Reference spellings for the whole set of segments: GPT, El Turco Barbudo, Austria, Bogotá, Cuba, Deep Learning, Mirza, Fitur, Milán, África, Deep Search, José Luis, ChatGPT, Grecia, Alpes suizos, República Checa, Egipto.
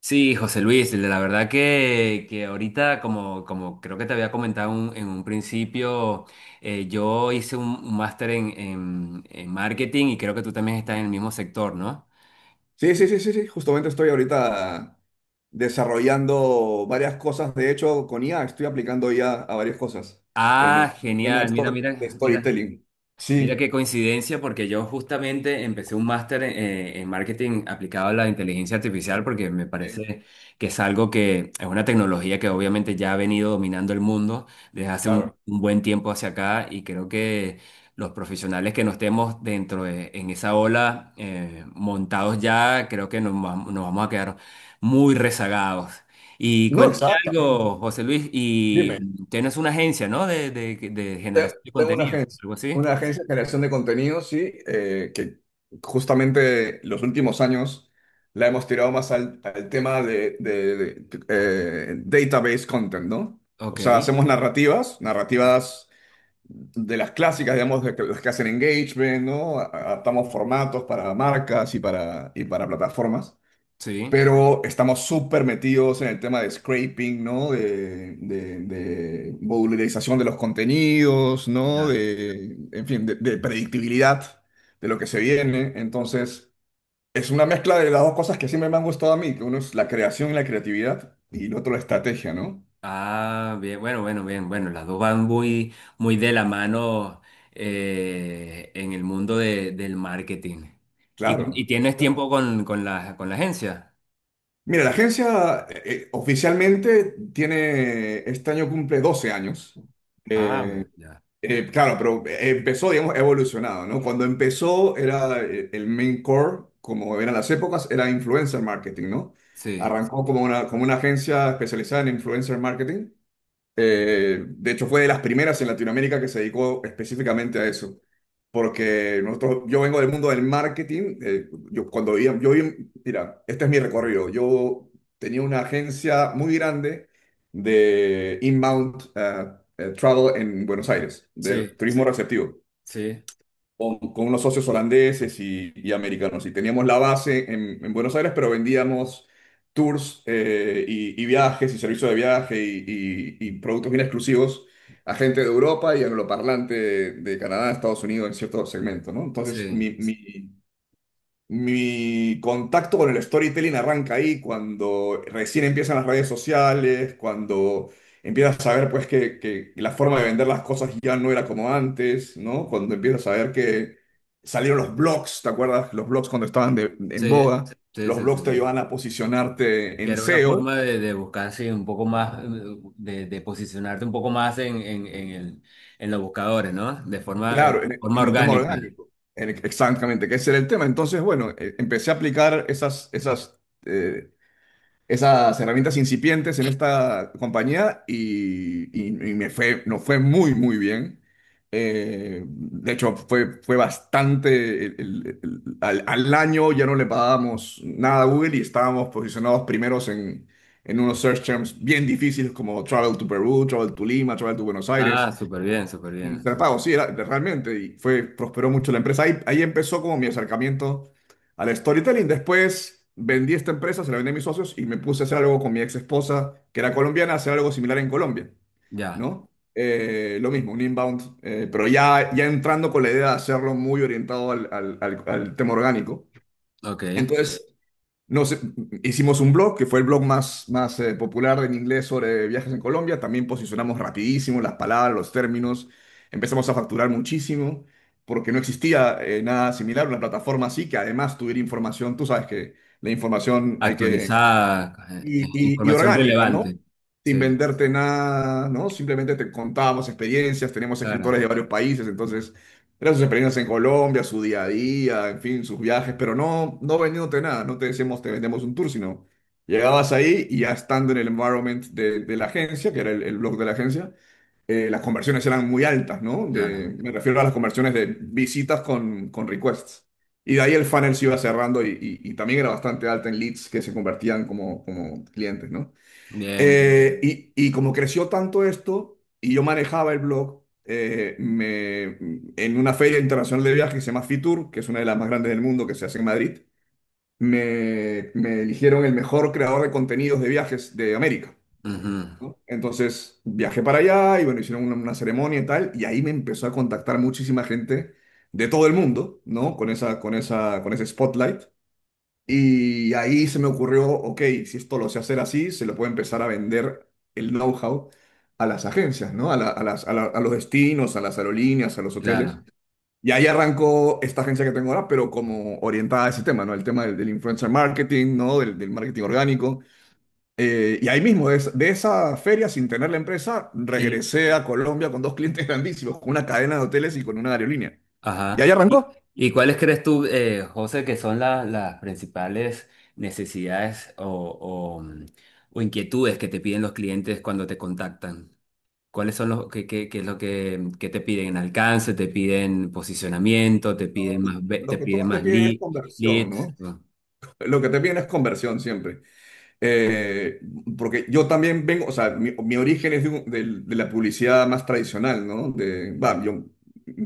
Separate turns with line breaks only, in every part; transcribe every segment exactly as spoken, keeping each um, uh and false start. Sí, José Luis, la verdad que, que ahorita, como, como creo que te había comentado un- en un principio, eh, yo hice un, un máster en, en, en marketing y creo que tú también estás en el mismo sector, ¿no?
Sí, sí, sí, sí, sí. Justamente estoy ahorita desarrollando varias cosas. De hecho, con i a estoy aplicando IA a a varias cosas en el
Ah,
en el tema de,
genial, mira,
stor- de
mira, mira.
storytelling. Sí.
Mira qué coincidencia, porque yo justamente empecé un máster eh, en marketing aplicado a la inteligencia artificial, porque me
Sí.
parece que es algo que es una tecnología que obviamente ya ha venido dominando el mundo desde hace un,
Claro.
un buen tiempo hacia acá y creo que los profesionales que no estemos dentro de en esa ola eh, montados ya, creo que nos, vam- nos vamos a quedar muy rezagados. Y
No,
cuéntame
exactamente.
algo, José Luis,
Dime.
y tienes una agencia, ¿no? De, de, de
Te-
generación de
Tengo una
contenido,
agencia,
algo así.
una agencia de generación de contenidos, sí, eh, que justamente los últimos años la hemos tirado más al, al tema de, de- de, eh, database content, ¿no? O
Ok,
sea, hacemos narrativas, narrativas de las clásicas, digamos, de que, las que hacen engagement, ¿no? A- Adaptamos formatos para marcas y para, y para plataformas,
sí,
pero estamos súper metidos en el tema de scraping, ¿no? De, de, de modularización de los contenidos, ¿no?
ya.
De, en fin, de, de predictibilidad de lo que se viene. Entonces, es una mezcla de las dos cosas que siempre me han gustado a mí, que uno es la creación y la creatividad, y el otro la estrategia, ¿no?
Ah, bien, bueno, bueno, bien, bueno, las dos van muy, muy de la mano eh, en el mundo de- del marketing. ¿Y, y
Claro.
tienes tiempo con, con la, con la agencia?
Mira, la agencia eh, eh, oficialmente tiene, este año cumple doce años.
Ah,
Eh,
bueno, ya.
eh, claro, pero empezó, digamos, ha evolucionado, ¿no? Cuando empezó era eh, el main core, como eran las épocas, era influencer marketing, ¿no?
Sí,
Arrancó como una, como una agencia especializada en influencer marketing. Eh, de hecho, fue de las primeras en Latinoamérica que se dedicó específicamente a eso porque nosotros, yo vengo del mundo del marketing. Eh, yo cuando vivía, yo vivía- mira, este es mi recorrido. Yo tenía una agencia muy grande de inbound eh, eh, travel en Buenos Aires, de
sí,
turismo. Sí. Receptivo
sí,
con, con unos socios holandeses y, y americanos. Y teníamos la base en, en Buenos Aires, pero vendíamos tours eh, y, y viajes y servicios de viaje y, y- y productos bien exclusivos a gente de Europa y angloparlante de, de Canadá, Estados Unidos en ciertos segmentos, ¿no? Entonces,
sí,
mi, mi, mi contacto con el storytelling arranca ahí cuando recién empiezan las redes sociales, cuando empiezas a ver pues que, que la forma de vender las cosas ya no era como antes, ¿no? Cuando empiezas a ver que salieron los blogs, ¿te acuerdas? Los blogs cuando estaban de- en
sí,
boga,
sí,
los
sí, sí,
blogs te
sí.
ayudaban a posicionarte
Que
en
era una
seo,
forma de, de buscar, sí, un poco más, eh, de, de posicionarte un poco más en, en, en el, en los buscadores, ¿no? De forma, de
claro, en,
forma
en el tema
orgánica.
orgánico. En- Exactamente, que ese era el tema. Entonces, bueno, eh, empecé a aplicar esas, esas eh, esas herramientas incipientes en esta compañía y, y- y me fue, nos fue muy, muy bien. Eh, de hecho, fue, fue bastante, el- el- el- al, al año ya no le pagábamos nada a Google y estábamos posicionados primeros en, en unos search terms bien difíciles como travel to Perú, travel to Lima, travel to Buenos Aires.
Ah, súper bien, súper
Un
bien.
Prepago, sí, era, realmente, y fue, prosperó mucho la empresa. Ahí, ahí empezó como mi acercamiento al storytelling. Después vendí esta empresa, se la vendí a mis socios y me puse a hacer algo con mi ex esposa, que era colombiana, hacer algo similar en Colombia,
Ya,
¿no? Eh, lo mismo, un inbound, eh, pero ya, ya entrando con la idea de hacerlo muy orientado al, al, al- al tema orgánico.
ok.
Entonces, nos, eh, hicimos un blog, que fue el blog más, más eh, popular en inglés sobre viajes en Colombia. También posicionamos rapidísimo las palabras, los términos. Empezamos a facturar muchísimo porque no existía eh, nada similar, una plataforma así que además tuviera información. Tú sabes que la información hay que
Actualizada, eh, eh,
y, y- y
información
orgánica, ¿no?
relevante.
Sin
Sí,
venderte nada, ¿no? Simplemente te contábamos experiencias, tenemos escritores
claro,
de varios países, entonces eran sus experiencias en Colombia, su día a día, en fin, sus viajes, pero no, no vendiéndote nada, no te decíamos te vendemos un tour, sino llegabas ahí y ya estando en el environment de, de la agencia, que era el, el blog de la agencia, eh, las conversiones eran muy altas, ¿no? De,
claro.
me refiero a las conversiones de visitas con, con requests. Y de ahí el funnel se iba cerrando y, y- y también era bastante alta en leads que se convertían como, como clientes, ¿no?
Bien, bien,
Eh,
bien.
y, y como creció tanto esto y yo manejaba el blog eh, me, en una feria internacional de viajes que se llama Fitur, que es una de las más grandes del mundo que se hace en Madrid, me, me eligieron el mejor creador de contenidos de viajes de América.
Ujú,
¿No? Entonces viajé para allá y bueno, hicieron una, una ceremonia y tal, y ahí me empezó a contactar muchísima gente de todo el mundo, ¿no? Con esa, con esa, con ese spotlight. Y ahí se me ocurrió, ok, si esto lo sé hacer así, se lo puedo empezar a vender el know-how a las agencias, ¿no? A, la- a las, a la- a los destinos, a las aerolíneas, a los hoteles.
claro.
Y ahí arrancó esta agencia que tengo ahora, pero como orientada a ese tema, ¿no? El tema del, del influencer marketing, ¿no? Del, del marketing orgánico. Eh, y ahí mismo, de, esa de esa feria, sin tener la empresa,
Y,
regresé a Colombia con dos clientes grandísimos, con una cadena de hoteles y con una aerolínea.
ajá.
Y ahí
¿Y,
arrancó.
y cuáles crees tú, eh, José, que son la- las principales necesidades o, o, mm, o inquietudes que te piden los clientes cuando te contactan? ¿Cuáles son los que, qué, qué- qué es lo que, que te piden? ¿Alcance? ¿Te piden posicionamiento? ¿Te
No,
piden
lo,
más, ve- te
lo que
piden
todos te
más
piden es
lead,
conversión,
leads?
¿no?
Mm.
Lo que te piden es conversión siempre. Eh, porque yo también vengo, o sea, mi, mi origen es de, un- del- de la publicidad más tradicional, ¿no? De, va, yo,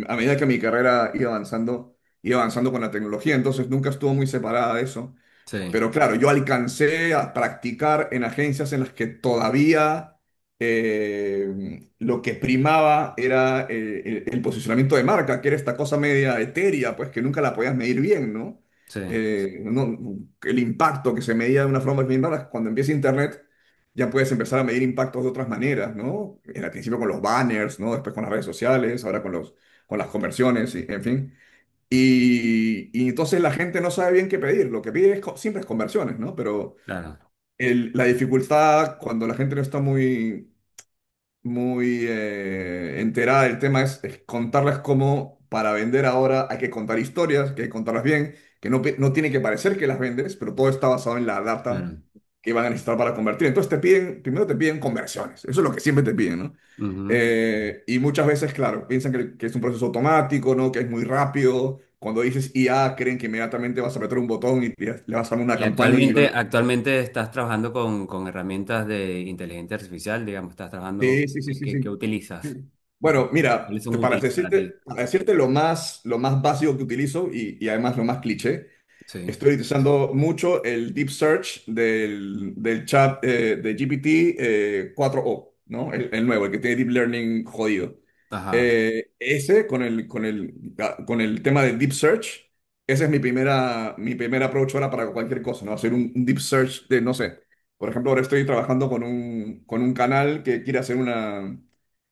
a medida que mi carrera iba avanzando, iba avanzando con la tecnología, entonces nunca estuvo muy separada de eso.
Sí,
Pero claro, yo alcancé a practicar en agencias en las que todavía eh, lo que primaba era eh, el, el posicionamiento de marca, que era esta cosa media etérea, pues que nunca la podías medir bien, ¿no?
sí,
Eh, no- el impacto que se medía de una forma bien rara, cuando empieza Internet ya puedes empezar a medir impactos de otras maneras, ¿no? En al principio con los banners, ¿no? Después con las redes sociales, ahora con los, con las conversiones, y, en fin. Y, y entonces la gente no sabe bien qué pedir. Lo que pide es co- siempre es conversiones, ¿no? Pero
claro,
el- la dificultad cuando la gente no está muy, muy eh, enterada del tema es, es contarlas como para vender ahora hay que contar historias, que hay que contarlas bien, que no, pe- no tiene que parecer que las vendes, pero todo está basado en la data
claro.
que van a necesitar para convertir. Entonces te piden, primero te piden conversiones, eso es lo que siempre te piden, ¿no?
Ujú.
Eh, y muchas veces, claro, piensan que, que es un proceso automático, ¿no? Que es muy rápido. Cuando dices i a, creen que inmediatamente vas a apretar un botón y le le vas a dar una
Y
campaña y
actualmente,
van.
actualmente estás trabajando con, con herramientas de inteligencia artificial, digamos, estás trabajando,
Sí, sí, sí,
¿qué,
sí, sí.
qué, qué
Sí.
utilizas? ¿O cu-
Bueno,
cuáles
mira,
son
te- para
útiles para ti?
decirte, para decirte lo más, lo más básico que utilizo y, y además lo más cliché,
Sí,
estoy utilizando mucho el Deep Search del, del chat eh, de ge pe te eh, cuatro o, ¿no? El, el nuevo, el que tiene Deep Learning jodido.
ajá,
Eh, ese con el, con el, ah, con el tema de Deep Search, ese es mi primera, mi primera approach ahora para cualquier cosa, ¿no? Hacer un, un Deep Search de, no sé, por ejemplo, ahora estoy trabajando con un, con un canal que quiere hacer una,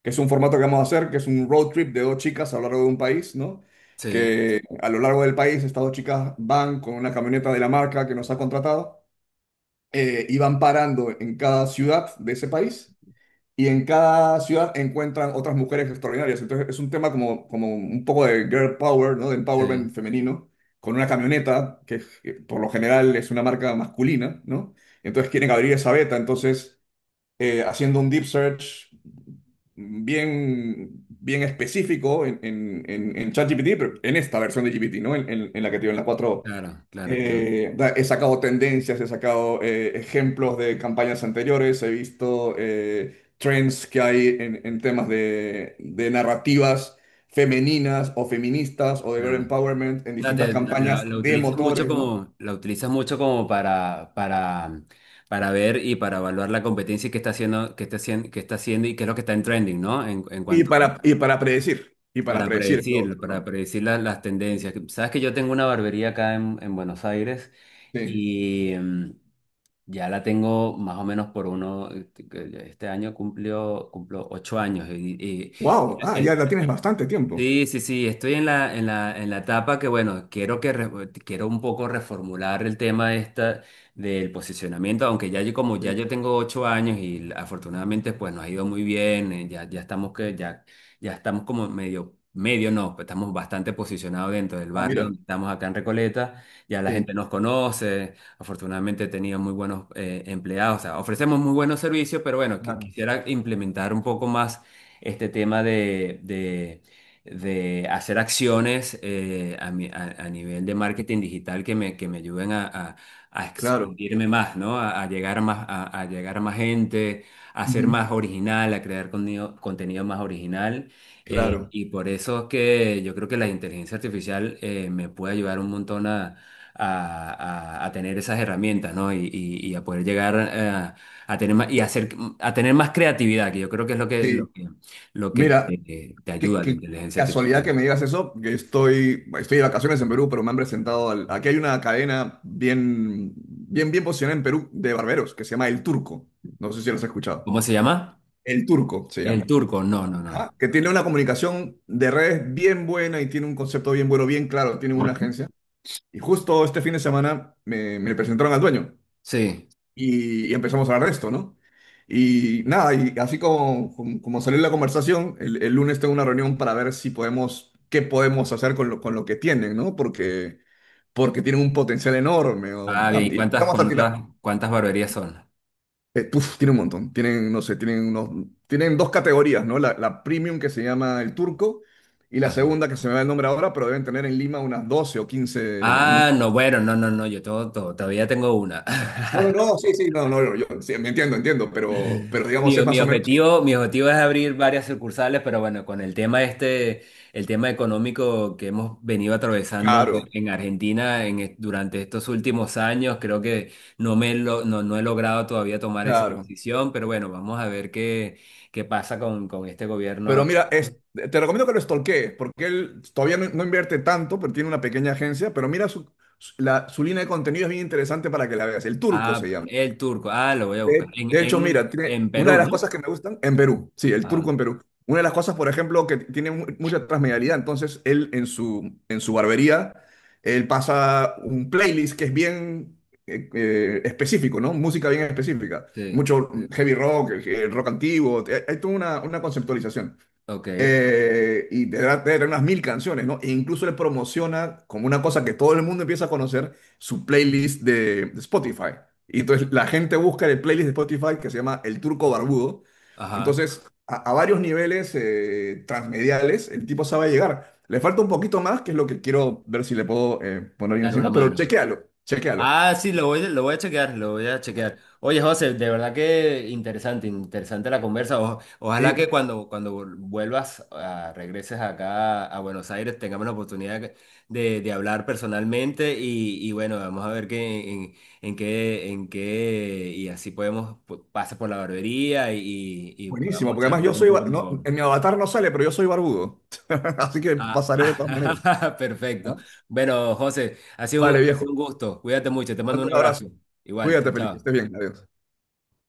que es un formato que vamos a hacer, que es un road trip de dos chicas a lo largo de un país, ¿no?
sí,
Que a lo largo del país estas dos chicas van con una camioneta de la marca que nos ha contratado eh, y van parando en cada ciudad de ese país y en cada ciudad encuentran otras mujeres extraordinarias. Entonces es un tema como, como un poco de girl power, ¿no? De empowerment
sí,
femenino, con una camioneta que, que por lo general es una marca masculina, ¿no? Entonces quieren abrir esa beta, entonces eh, haciendo un deep search bien, bien específico en, en, en, en ChatGPT, pero en esta versión de ge pe te, ¿no? En, en- en la que te digo, en la cuatro.
claro, claro, claro,
Eh, da- he sacado tendencias, he sacado eh, ejemplos de campañas anteriores, he visto eh, trends que hay en, en temas de, de narrativas femeninas o feministas o de girl
claro.
empowerment en
Sea,
distintas
te- la,
campañas
la
de
utilizas mucho
motores, ¿no?
como, la utilizas mucho como para, para, para ver y para evaluar la competencia y qué está haciendo, qué está haciendo, qué está haciendo y qué es lo que está en trending, ¿no? En, en
Y
cuanto
para, y para predecir, y para
para
predecir lo otro,
predecir, para
¿no?
predecir la- las tendencias. Sabes que yo tengo una barbería acá en, en Buenos Aires
Sí.
y mm, ya la tengo más o menos por uno, este año cumplió, cumplo ocho años y, y
Wow, ah, ya la tienes bastante tiempo.
sí, sí, sí, estoy en la, en la, en la etapa que, bueno, quiero, que re- quiero un poco reformular el tema esta del posicionamiento, aunque ya yo, como ya
Sí.
yo tengo ocho años y afortunadamente pues nos ha ido muy bien, eh, ya, ya estamos que, ya, ya estamos como medio, medio no, pues, estamos bastante posicionados dentro del
Ah,
barrio
mira,
donde estamos acá en Recoleta, ya la
sí.
gente nos conoce, afortunadamente he tenido muy buenos eh, empleados, o sea, ofrecemos muy buenos servicios, pero bueno, que-
Claro.
quisiera implementar un poco más este tema de, de de hacer acciones eh, a, mi- a- a nivel de marketing digital que me, que me ayuden a, a- a
Claro,
expandirme más, ¿no? A, a llegar más, a, a llegar a más gente, a ser
ujú,
más original, a crear contenido, contenido más original. Eh,
claro,
y por eso es que yo creo que la inteligencia artificial eh, me puede ayudar un montón a, a- a- a tener esas herramientas, ¿no? Y, y- y a poder llegar eh, a tener más, y hacer, a tener más creatividad, que yo creo que es lo que, lo
sí.
que lo que
Mira,
te, te
qué,
ayuda la
qué
inteligencia
casualidad que
artificial.
me digas eso, que estoy, estoy de vacaciones en Perú, pero me han presentado al- aquí hay una cadena bien, bien, bien posicionada en Perú de barberos que se llama El Turco. No sé si los has escuchado.
¿Cómo se llama?
El Turco se
El
llama.
Turco. No, no, no.
Ajá. Que tiene una comunicación de redes bien buena y tiene un concepto bien bueno, bien claro, tiene una agencia. Y justo este fin de semana me, me presentaron al dueño.
Sí.
Y, y empezamos a hablar de esto, ¿no? Y nada, y así como, como, como salió la conversación, el, el lunes tengo una reunión para ver si podemos, qué podemos hacer con lo, con lo que tienen, ¿no? Porque, porque tienen un potencial enorme. O-
Ah, bien.
ah,
¿Y
y
cuántas,
empezamos a
cuántas,
tirar.
cuántas barberías son?
Eh, puf, tienen un montón. Tienen, no sé, tienen unos, tienen dos categorías, ¿no? La, la premium que se llama el turco y la
Ajá.
segunda que se me va el nombre ahora, pero deben tener en Lima unas doce o quince unos.
Ah, no, bueno, no, no, no. Yo todo, todo- todavía tengo una.
No, no, no, sí, sí, no, no, yo, yo- sí, me entiendo, entiendo, pero, pero
Mi,
digamos es
mi
más o menos
objetivo, mi objetivo es abrir varias sucursales, pero bueno, con el tema este, el tema económico que hemos venido atravesando
claro.
en Argentina en, est- durante estos últimos años, creo que no me lo- no, no he logrado todavía tomar esa
Claro.
decisión, pero bueno, vamos a ver qué, qué pasa con, con este
Pero
gobierno.
mira, es, te recomiendo que lo stalkees, porque él todavía no, no invierte tanto, pero tiene una pequeña agencia, pero mira su, su- la, su línea de contenido es bien interesante para que la veas. El Turco
Ah,
se llama.
el Turco, ah, lo voy a buscar.
De,
En,
de hecho, mira,
en,
tiene,
en
una
Perú,
de las
¿no?
cosas que me gustan en Perú, sí, el
Ajá,
Turco en Perú. Una de las cosas, por ejemplo, que tiene mu- mucha transmedialidad, entonces él en su, en su barbería, él pasa un playlist que es bien eh, eh, específico, ¿no? Música bien específica.
sí,
Mucho mm, heavy rock, eh, rock antiguo, hay hay toda una una conceptualización.
ok,
Eh, y tendrá tener unas mil canciones, ¿no? E incluso le promociona como una cosa que todo el mundo empieza a conocer, su playlist de, de Spotify. Y entonces la gente busca en el playlist de Spotify que se llama El Turco Barbudo.
ajá,
Entonces, a, a varios niveles eh, transmediales, el tipo sabe llegar. Le falta un poquito más, que es lo que quiero ver si le puedo eh, poner yo
dar una
encima, pero
mano.
chequéalo, chequéalo.
Ah, sí, lo voy, lo voy a chequear, lo voy a chequear. Oye, José, de verdad que interesante, interesante la conversa. O- ojalá que
Sí,
cuando, cuando vuelvas, a- regreses acá a Buenos Aires, tengamos la oportunidad de, de hablar personalmente y, y bueno, vamos a ver qué, en, en qué, en qué, y así podemos, pu- pasas por la barbería y, y
buenísimo,
podamos
porque además yo
charlar un
soy, ba-
poco
no,
mejor.
en mi avatar no sale, pero yo soy barbudo. Así que
Ah,
pasaré de todas maneras.
perfecto.
¿No?
Bueno, José, ha sido un,
Vale,
ha
viejo.
sido un gusto. Cuídate mucho, te
Te
mando
mando
un
un
abrazo.
abrazo.
Igual, chao,
Cuídate, Felipe, que estés
chao.
bien. Adiós.